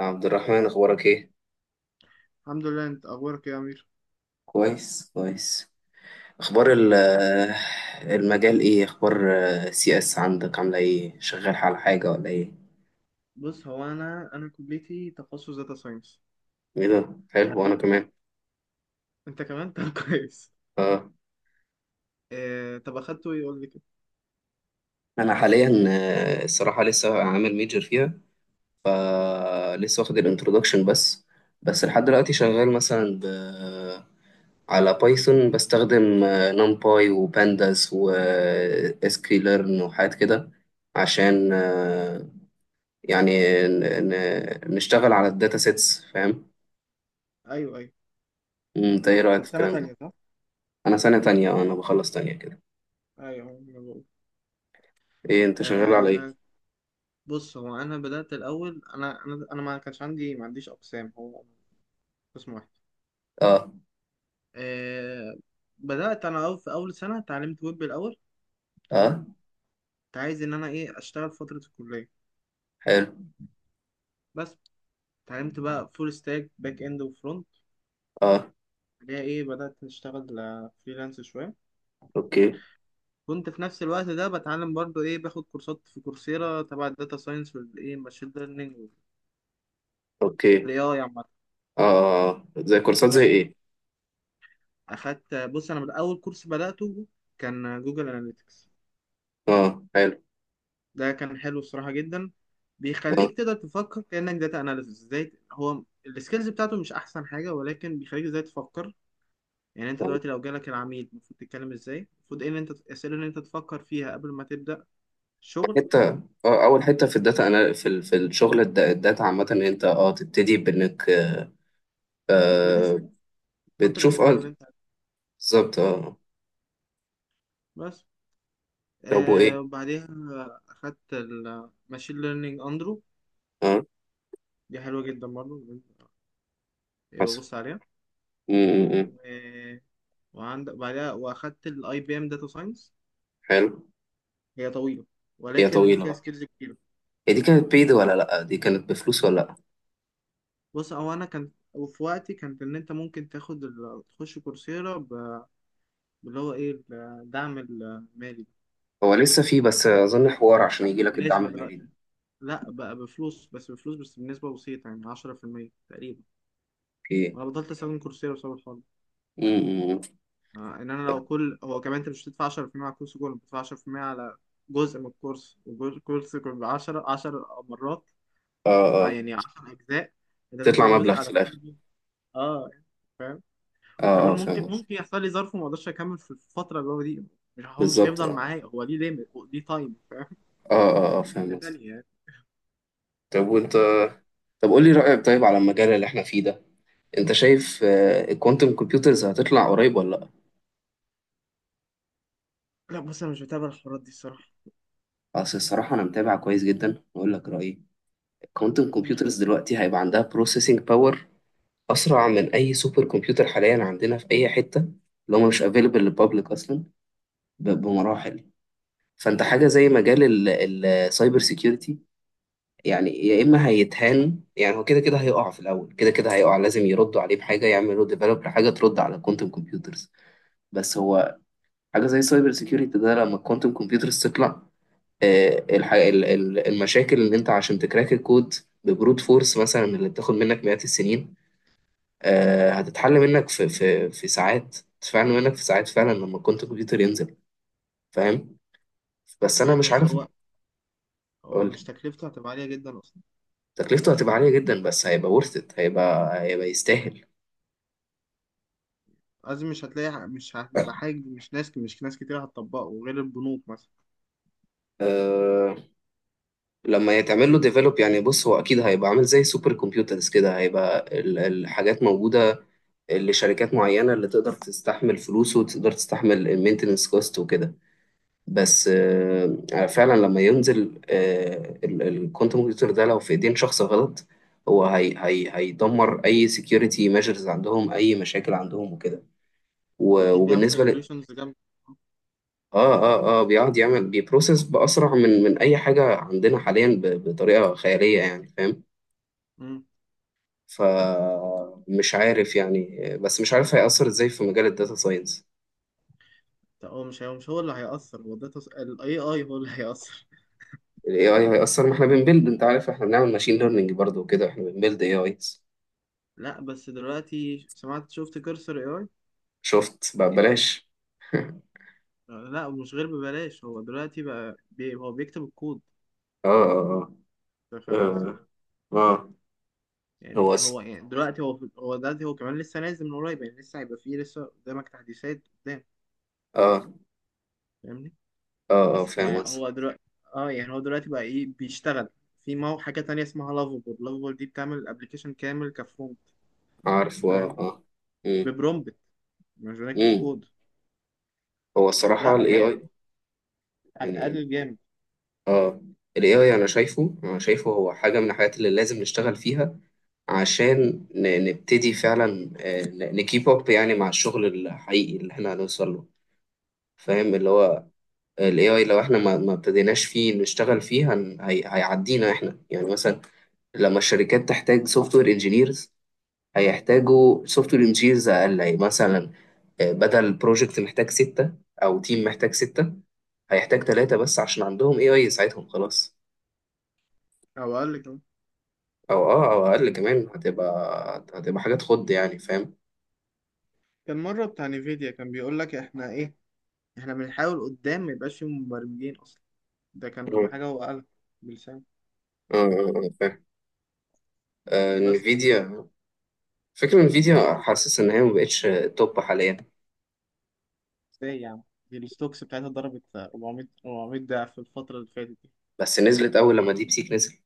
يا عبد الرحمن، اخبارك ايه؟ الحمد لله، انت اخبارك إيه يا امير؟ كويس كويس. اخبار ال- المجال ايه؟ اخبار سي اس عندك، عامله ايه؟ شغال على حاجه ولا ايه؟ بص، هو انا كليتي تخصص داتا ساينس. ايه ده، حلو. وانا عدد، كمان انت كمان. طب كويس. اه. طب اخدته ايه قول لي كده. انا حاليا الصراحه لسه عامل ميجر فيها. فلسه واخد الانترودكشن بس. بس لحد دلوقتي شغال مثلا على بايثون، بستخدم نمباي وبانداس واسكيلرن وحاجات كده. عشان يعني نشتغل على الداتا سيتس، فاهم؟ ايوه، ايوه. انت ايه انت رأيك في في سنه الكلام ده؟ تانية صح؟ انا سنة تانية اه، انا بخلص تانية كده. ايوه، أنا بقول. ايه، انت شغال على آه... ايه؟ بص هو انا بدأت الاول، انا ما كانش عندي، ما عنديش اقسام، هو قسم واحد. اه آه... بدأت انا أول في اول سنة اتعلمت ويب الاول. تمام. اه، كنت عايز ان انا اشتغل فترة الكلية. حلو بس اتعلمت بقى فول ستاك باك اند وفرونت، اه. اللي هي بدأت اشتغل فريلانس شوية. اوكي كنت في نفس الوقت ده بتعلم برضو باخد كورسات في كورسيرا تبع الداتا ساينس والايه ماشين ليرنينج اوكي والاي اي عامة. اه. زي كورسات زي بس ايه؟ اخدت، بص، انا من اول كورس بدأته كان جوجل اناليتكس. اه حلو ده كان حلو الصراحة جدا، اه بيخليك تقدر تفكر كأنك داتا اناليسيس ازاي. هو السكيلز بتاعته مش احسن حاجة، ولكن بيخليك ازاي تفكر يعني. انت آه. دلوقتي لو جالك العميل، المفروض تتكلم ازاي، المفروض ايه اللي انت، الاسئلة اللي انت تفكر فيها قبل ما تبدأ الشغل. حتة اه، اول حتة في الداتا انا، في في الشغل الداتا عامة، ان انت اه تبتدي بانك آه بتسأل، تحط بتشوف اه، الاسئلة اللي انت. بالظبط اه. بس طب وايه؟ وبعديها أخدت الماشين ليرنينج أندرو، اه دي حلوة جدا برضه، يبقى حصل. بص عليها. امم، و... وعندك بعدها وأخدت الأي بي إم داتا ساينس، حلو. هي طويلة هي ولكن طويلة فيها بقى. سكيلز كتيرة. هي دي كانت بيد ولا لأ؟ دي كانت بفلوس ولا لأ؟ بص، هو أنا كان، وفي وقتي كانت إن أنت ممكن تاخد تخش كورسيرا باللي هو إيه الدعم المالي. هو لسه في بس أظن حوار عشان يجي لك الدعم بالنسبة المالي دلوقتي ده. لا، بقى بفلوس، بس بفلوس بس بنسبة بسيطة، يعني 10% تقريبا. أوكي. أنا بطلت أستخدم كورسيرا بسبب الحوار. م- م- ان انا لو كل، هو كمان انت مش بتدفع 10% على الكورس كله، بتدفع 10% على جزء من الكورس، والكورس كله ب 10 مرات. اه اه. يعني 10 اجزاء، انت تطلع تدفع مبلغ جزء في على الآخر. كل جزء. اه فاهم. اه وكمان اه فاهم ممكن قصدي. ممكن يحصل لي ظرف وما اقدرش اكمل في الفتره اللي هو دي، مش بالظبط هيفضل اه معايا، هو ليه ليميت، ليه تايم، فاهم. اه اه ده فاهم قصدي. تانية يعني. طب وأنت؟ طب قول لي رأيك طيب على المجال اللي احنا فيه ده. انت شايف الكوانتم كمبيوترز هتطلع قريب ولا لا؟ لا بص، انا مش بتابع الحوارات دي الصراحه. اصل الصراحه انا متابع كويس جدا، واقول لك رايي. الكوانتم قول. كمبيوترز دلوقتي هيبقى عندها بروسيسنج باور اسرع من اي سوبر كمبيوتر حاليا عندنا في اي حته، اللي هم مش افيلبل للبابليك اصلا، بمراحل. فانت حاجه زي مجال السايبر سيكيورتي، يعني يا اما هيتهان، يعني هو كده كده هيقع في الاول، كده كده هيقع، لازم يردوا عليه بحاجه، يعملوا ديفلوب لحاجه ترد على الكوانتم كمبيوترز. بس هو، حاجه زي السايبر سيكيورتي ده، لما الكوانتم كمبيوترز تطلع، المشاكل اللي انت عشان تكراك الكود ببروت فورس مثلا، اللي بتاخد منك مئات السنين، هتتحل منك في ساعات، تتفعل منك في ساعات فعلا لما الكوانتم كمبيوتر ينزل، فاهم؟ بس انا فاهم، مش بس عارف. هو، هو مش تكلفته هتبقى عاليه جدا اصلا. تكلفته هتبقى عالية جدا، بس هيبقى worth it، هيبقى يستاهل. لازم، مش هتلاقي، مش هتبقى حاجه، مش ناس كتير هتطبقه غير البنوك مثلا. أه لما يتعمل له ديفلوب يعني، بص، هو أكيد هيبقى عامل زي سوبر كمبيوترز كده، هيبقى الحاجات موجودة لشركات معينة اللي تقدر تستحمل فلوسه وتقدر تستحمل المينتنس كوست وكده. بس فعلا لما ينزل أه الكوانتم كمبيوتر ده، لو في ايدين شخص غلط، هو هي هي هيدمر اي سكيورتي ميجرز عندهم، اي مشاكل عندهم وكده. اكيد بيعمل وبالنسبة، كالكوليشنز جنب. اه اه اه، بيقعد يعمل، بيبروسس بأسرع من أي حاجة عندنا حاليا بطريقة خيالية يعني، فاهم؟ امم. فمش عارف يعني. بس مش عارف هيأثر ازاي في مجال الداتا ساينس. طب هو، مش هو اللي هيأثر، هو ده ال AI هو اللي هيأثر. ال AI هيأثر، ما احنا بنبيلد، انت عارف احنا بنعمل ماشين ليرنينج برضه وكده، احنا بنبيلد AIs. لا، بس دلوقتي شفت كرسر AI. شفت بقى بلاش. لا مش غير ببلاش، هو دلوقتي بقى هو بيكتب الكود. اه اه أنت فاهم قصدي. اه اه يعني هو هو، يعني دلوقتي، هو دلوقتي هو كمان لسه نازل من قريب، يعني لسه هيبقى فيه، لسه قدامك تحديثات قدام. اه فاهمني. اه اه بس فاهم يعني قصدي. هو دلوقتي، اه، يعني هو دلوقتي بقى بيشتغل. في حاجة تانية اسمها لافابول دي بتعمل الابلكيشن كامل كفرونت، عارف اه فاهم. اه. مم، ببرومبت، مش بنكتب مم. كود. هو ما الصراحة لا ال AI يعني، يعني هتقلل جامد. اه، ال AI أنا شايفه، هو حاجة من الحاجات اللي لازم نشتغل فيها، عشان نبتدي فعلا نكيب أب يعني مع الشغل الحقيقي اللي احنا هنوصل له، فاهم؟ اللي هو ال AI لو احنا ما ابتديناش فيه نشتغل فيه، هيعدينا احنا، يعني مثلا لما الشركات تحتاج سوفت وير انجينيرز، هيحتاجوا سوفت وير انجينيرز أقل، يعني مثلا بدل بروجكت محتاج ستة، أو تيم محتاج ستة، هيحتاج ثلاثة بس عشان عندهم AI يساعدهم، خلاص. او اقل كمان. او اقل كمان، هتبقى حاجات خض يعني، فاهم؟ كان مره بتاع نيفيديا كان بيقول لك: احنا احنا بنحاول قدام ما يبقاش فيه مبرمجين اصلا. ده كان اه حاجه هو قالها بلسان. اه فاهم. بس انفيديا. فكرة انفيديا، حاسس ان هي ما بقتش توب حاليا. ازاي يعني؟ دي الستوكس بتاعتها ضربت 400 ضعف في الفتره اللي فاتت دي. بس نزلت اول لما ديب سيك نزل.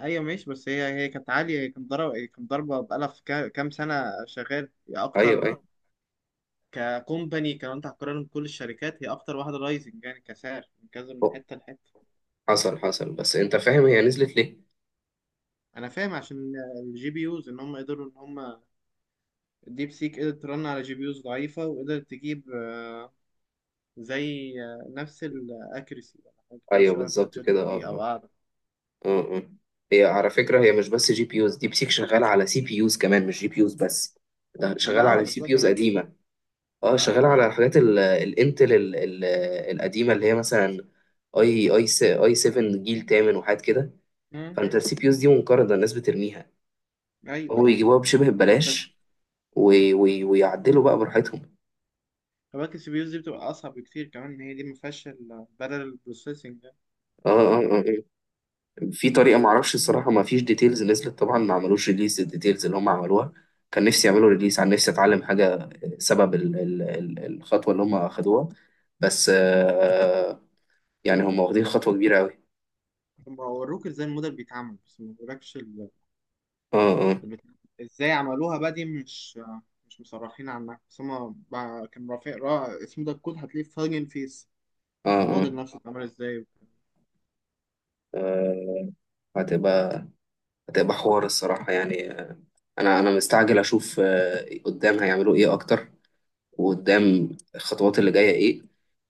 ايوه ماشي، بس هي كانت عاليه، هي كانت ضربه بقالها في كام سنه شغال، هي ايوه اكتر ايوه. ككومباني. كان، انت هتقارن كل الشركات، هي اكتر واحده رايزنج يعني كسعر من كذا من أوه، حته لحته. حصل حصل. بس انت فاهم هي نزلت ليه؟ انا فاهم عشان الجي بي يوز، ان هم قدروا ان هم الديب سيك قدرت ترن على جي بي يوز ضعيفه وقدرت تجيب، زي نفس الاكريسي ولا حاجه كده ايوه شبه بتاعت بالظبط شات جي كده بي اه تي او اه اعلى. اه آه. هي على فكرة، هي مش بس جي بي يوز، ديب سيك شغالة على سي بي يوز كمان، مش جي بي يوز بس. ده ما ده شغالة على اوحش سي بقى بي يوز كمان. قديمة. ما اه ده شغال اوحش. على حاجات الانتل القديمه اللي هي مثلا اي 7 جيل تامن وحاجات كده. امم. فانت السي بي يوز دي منقرضه، الناس بترميها. ايوه، فهو ايوه. يجيبوها بشبه انت س- ببلاش، ويعدلوا بقى براحتهم. كمان السي بي يوز دي بتبقى اصعب بكتير، كمان ان هي دي ما فيهاش البارل بروسيسنج ده. اه اه اه آه. في طريقه معرفش الصراحه، ما فيش ديتيلز نزلت طبعا، ما عملوش ريليس الديتيلز اللي هم عملوها. كان نفسي يعملوا ريليس، عن نفسي اتعلم حاجه، سبب الخطوه اللي هم اخدوها. بس يعني هم واخدين خطوه كبيره قوي. هم وروك ازاي الموديل بيتعمل، بس ما وروكش اه اه البتاع. ازاي عملوها بقى دي، مش مش مصرحين عنها، بس هم كان رافع اسمه ده الكود، هتلاقيه في هاجن فيس، اه اه الموديل نفسه اتعمل ازاي. آه، هتبقى حوار الصراحة يعني. أنا مستعجل أشوف قدام هيعملوا إيه أكتر، وقدام الخطوات اللي جاية إيه.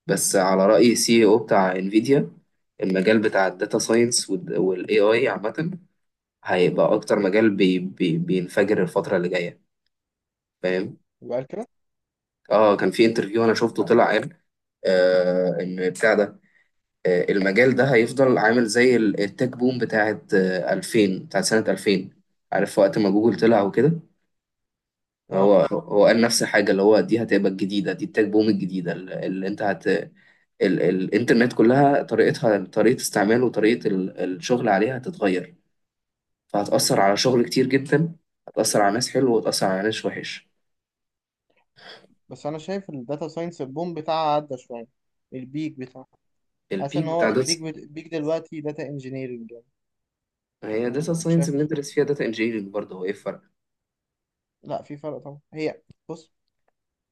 بس على رأي سي او بتاع انفيديا، المجال بتاع الداتا ساينس والاي اي عامة هيبقى أكتر مجال بي بي بينفجر الفترة اللي جاية، فاهم؟ يبقى كده. آه كان في انترفيو أنا شفته، طلع قال آه إن بتاع ده المجال ده هيفضل عامل زي التك بوم بتاعت 2000، بتاعت سنة 2000، عارف وقت ما جوجل طلع وكده. اه، هو قال نفس الحاجة، اللي هو دي هتبقى الجديدة، دي التك بوم الجديدة، ال- اللي انت هت ال... الانترنت كلها طريقتها، طريقة استعمال وطريقة الشغل عليها هتتغير، فهتأثر على شغل كتير جدا، هتأثر على ناس حلو وهتأثر على ناس وحش. بس انا شايف الداتا ساينس البوم بتاعها عدى شويه، البيك بتاعه. حاسس البيك ان بتاع هو داتا. البيك دلوقتي داتا انجينيرنج يعني. كنت هي داتا م- ساينس شايف ال- بندرس فيها داتا انجينيرنج برضه، هو ايه الفرق؟ لا في فرق طبعا، هي، بص.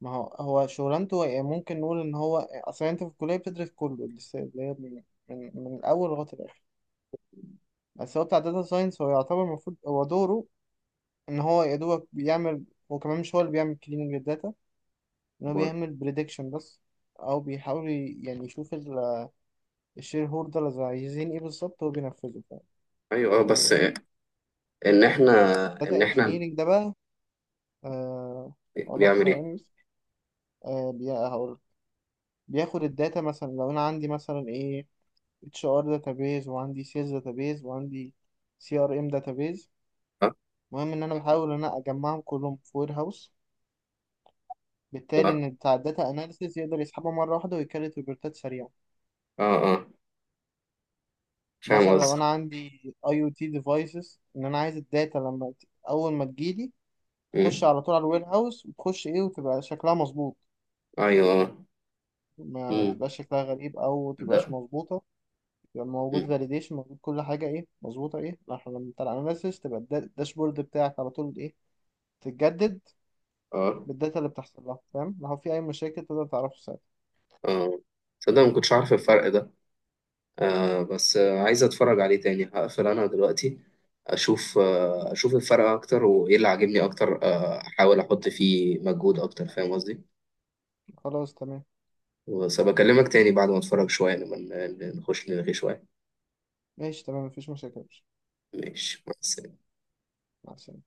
ما هو، هو شغلانته يعني، ممكن نقول ان هو اصلا انت في الكليه بتدرس كله لسه، اللي هي من من الاول لغايه الاخر. بس هو بتاع داتا ساينس هو يعتبر المفروض هو دوره ان هو يا دوبك بيعمل، هو كمان مش هو اللي بيعمل كليننج للداتا، إن هو أمال. بيعمل بريدكشن بس. أو بيحاول يعني يشوف الشير هولدرز عايزين إيه بالظبط، هو بينفذه، فاهم. ايوه اه ده دوره بس. يعني. ان احنا. داتا ان احنا. انجينيرنج ده بقى، آه أقول لك بيعمل ايه؟ ثواني بس. هقول بياخد الداتا. مثلا لو أنا عندي مثلا اتش ار داتابيز، وعندي سيلز داتابيز، وعندي سي ار ام داتابيز. اه المهم إن أنا بحاول إن أنا أجمعهم كلهم في وير هاوس، بالتالي اه إن بتاع الداتا أناليسيز يقدر يسحبها مرة واحدة ويكرر ريبورتات سريعة. اه آه. مثلا فاهم لو قصدي. انا عندي اي او تي ديفايسز، ان انا عايز الداتا لما اول ما تجيلي تخش مم. على طول على الوير هاوس، وتخش وتبقى شكلها مظبوط، ايوه آه. ما مم. تبقاش شكلها غريب او تبقاش ده. مظبوطه. يبقى موجود مم. فاليديشن، موجود كل حاجه مظبوطه، احنا لما بتاع الاناليسيس تبقى الداشبورد بتاعك على طول تتجدد اه بالداتا اللي بتحصل لها، فاهم. لو في اي مشاكل تقدر تعرفه ساعتها. اه. صدق ما كنتش عارف الفرق ده. آه بس عايز اتفرج عليه تاني، هقفل انا دلوقتي، اشوف اشوف الفرق اكتر وايه اللي عاجبني اكتر، احاول احط فيه مجهود اكتر، فاهم قصدي؟ خلاص، تمام. بس بكلمك تاني بعد ما اتفرج شويه، لما نخش نلغي شويه. ماشي، تمام، مفيش مشاكل يا باشا. ماشي مع السلامه. مع السلامه.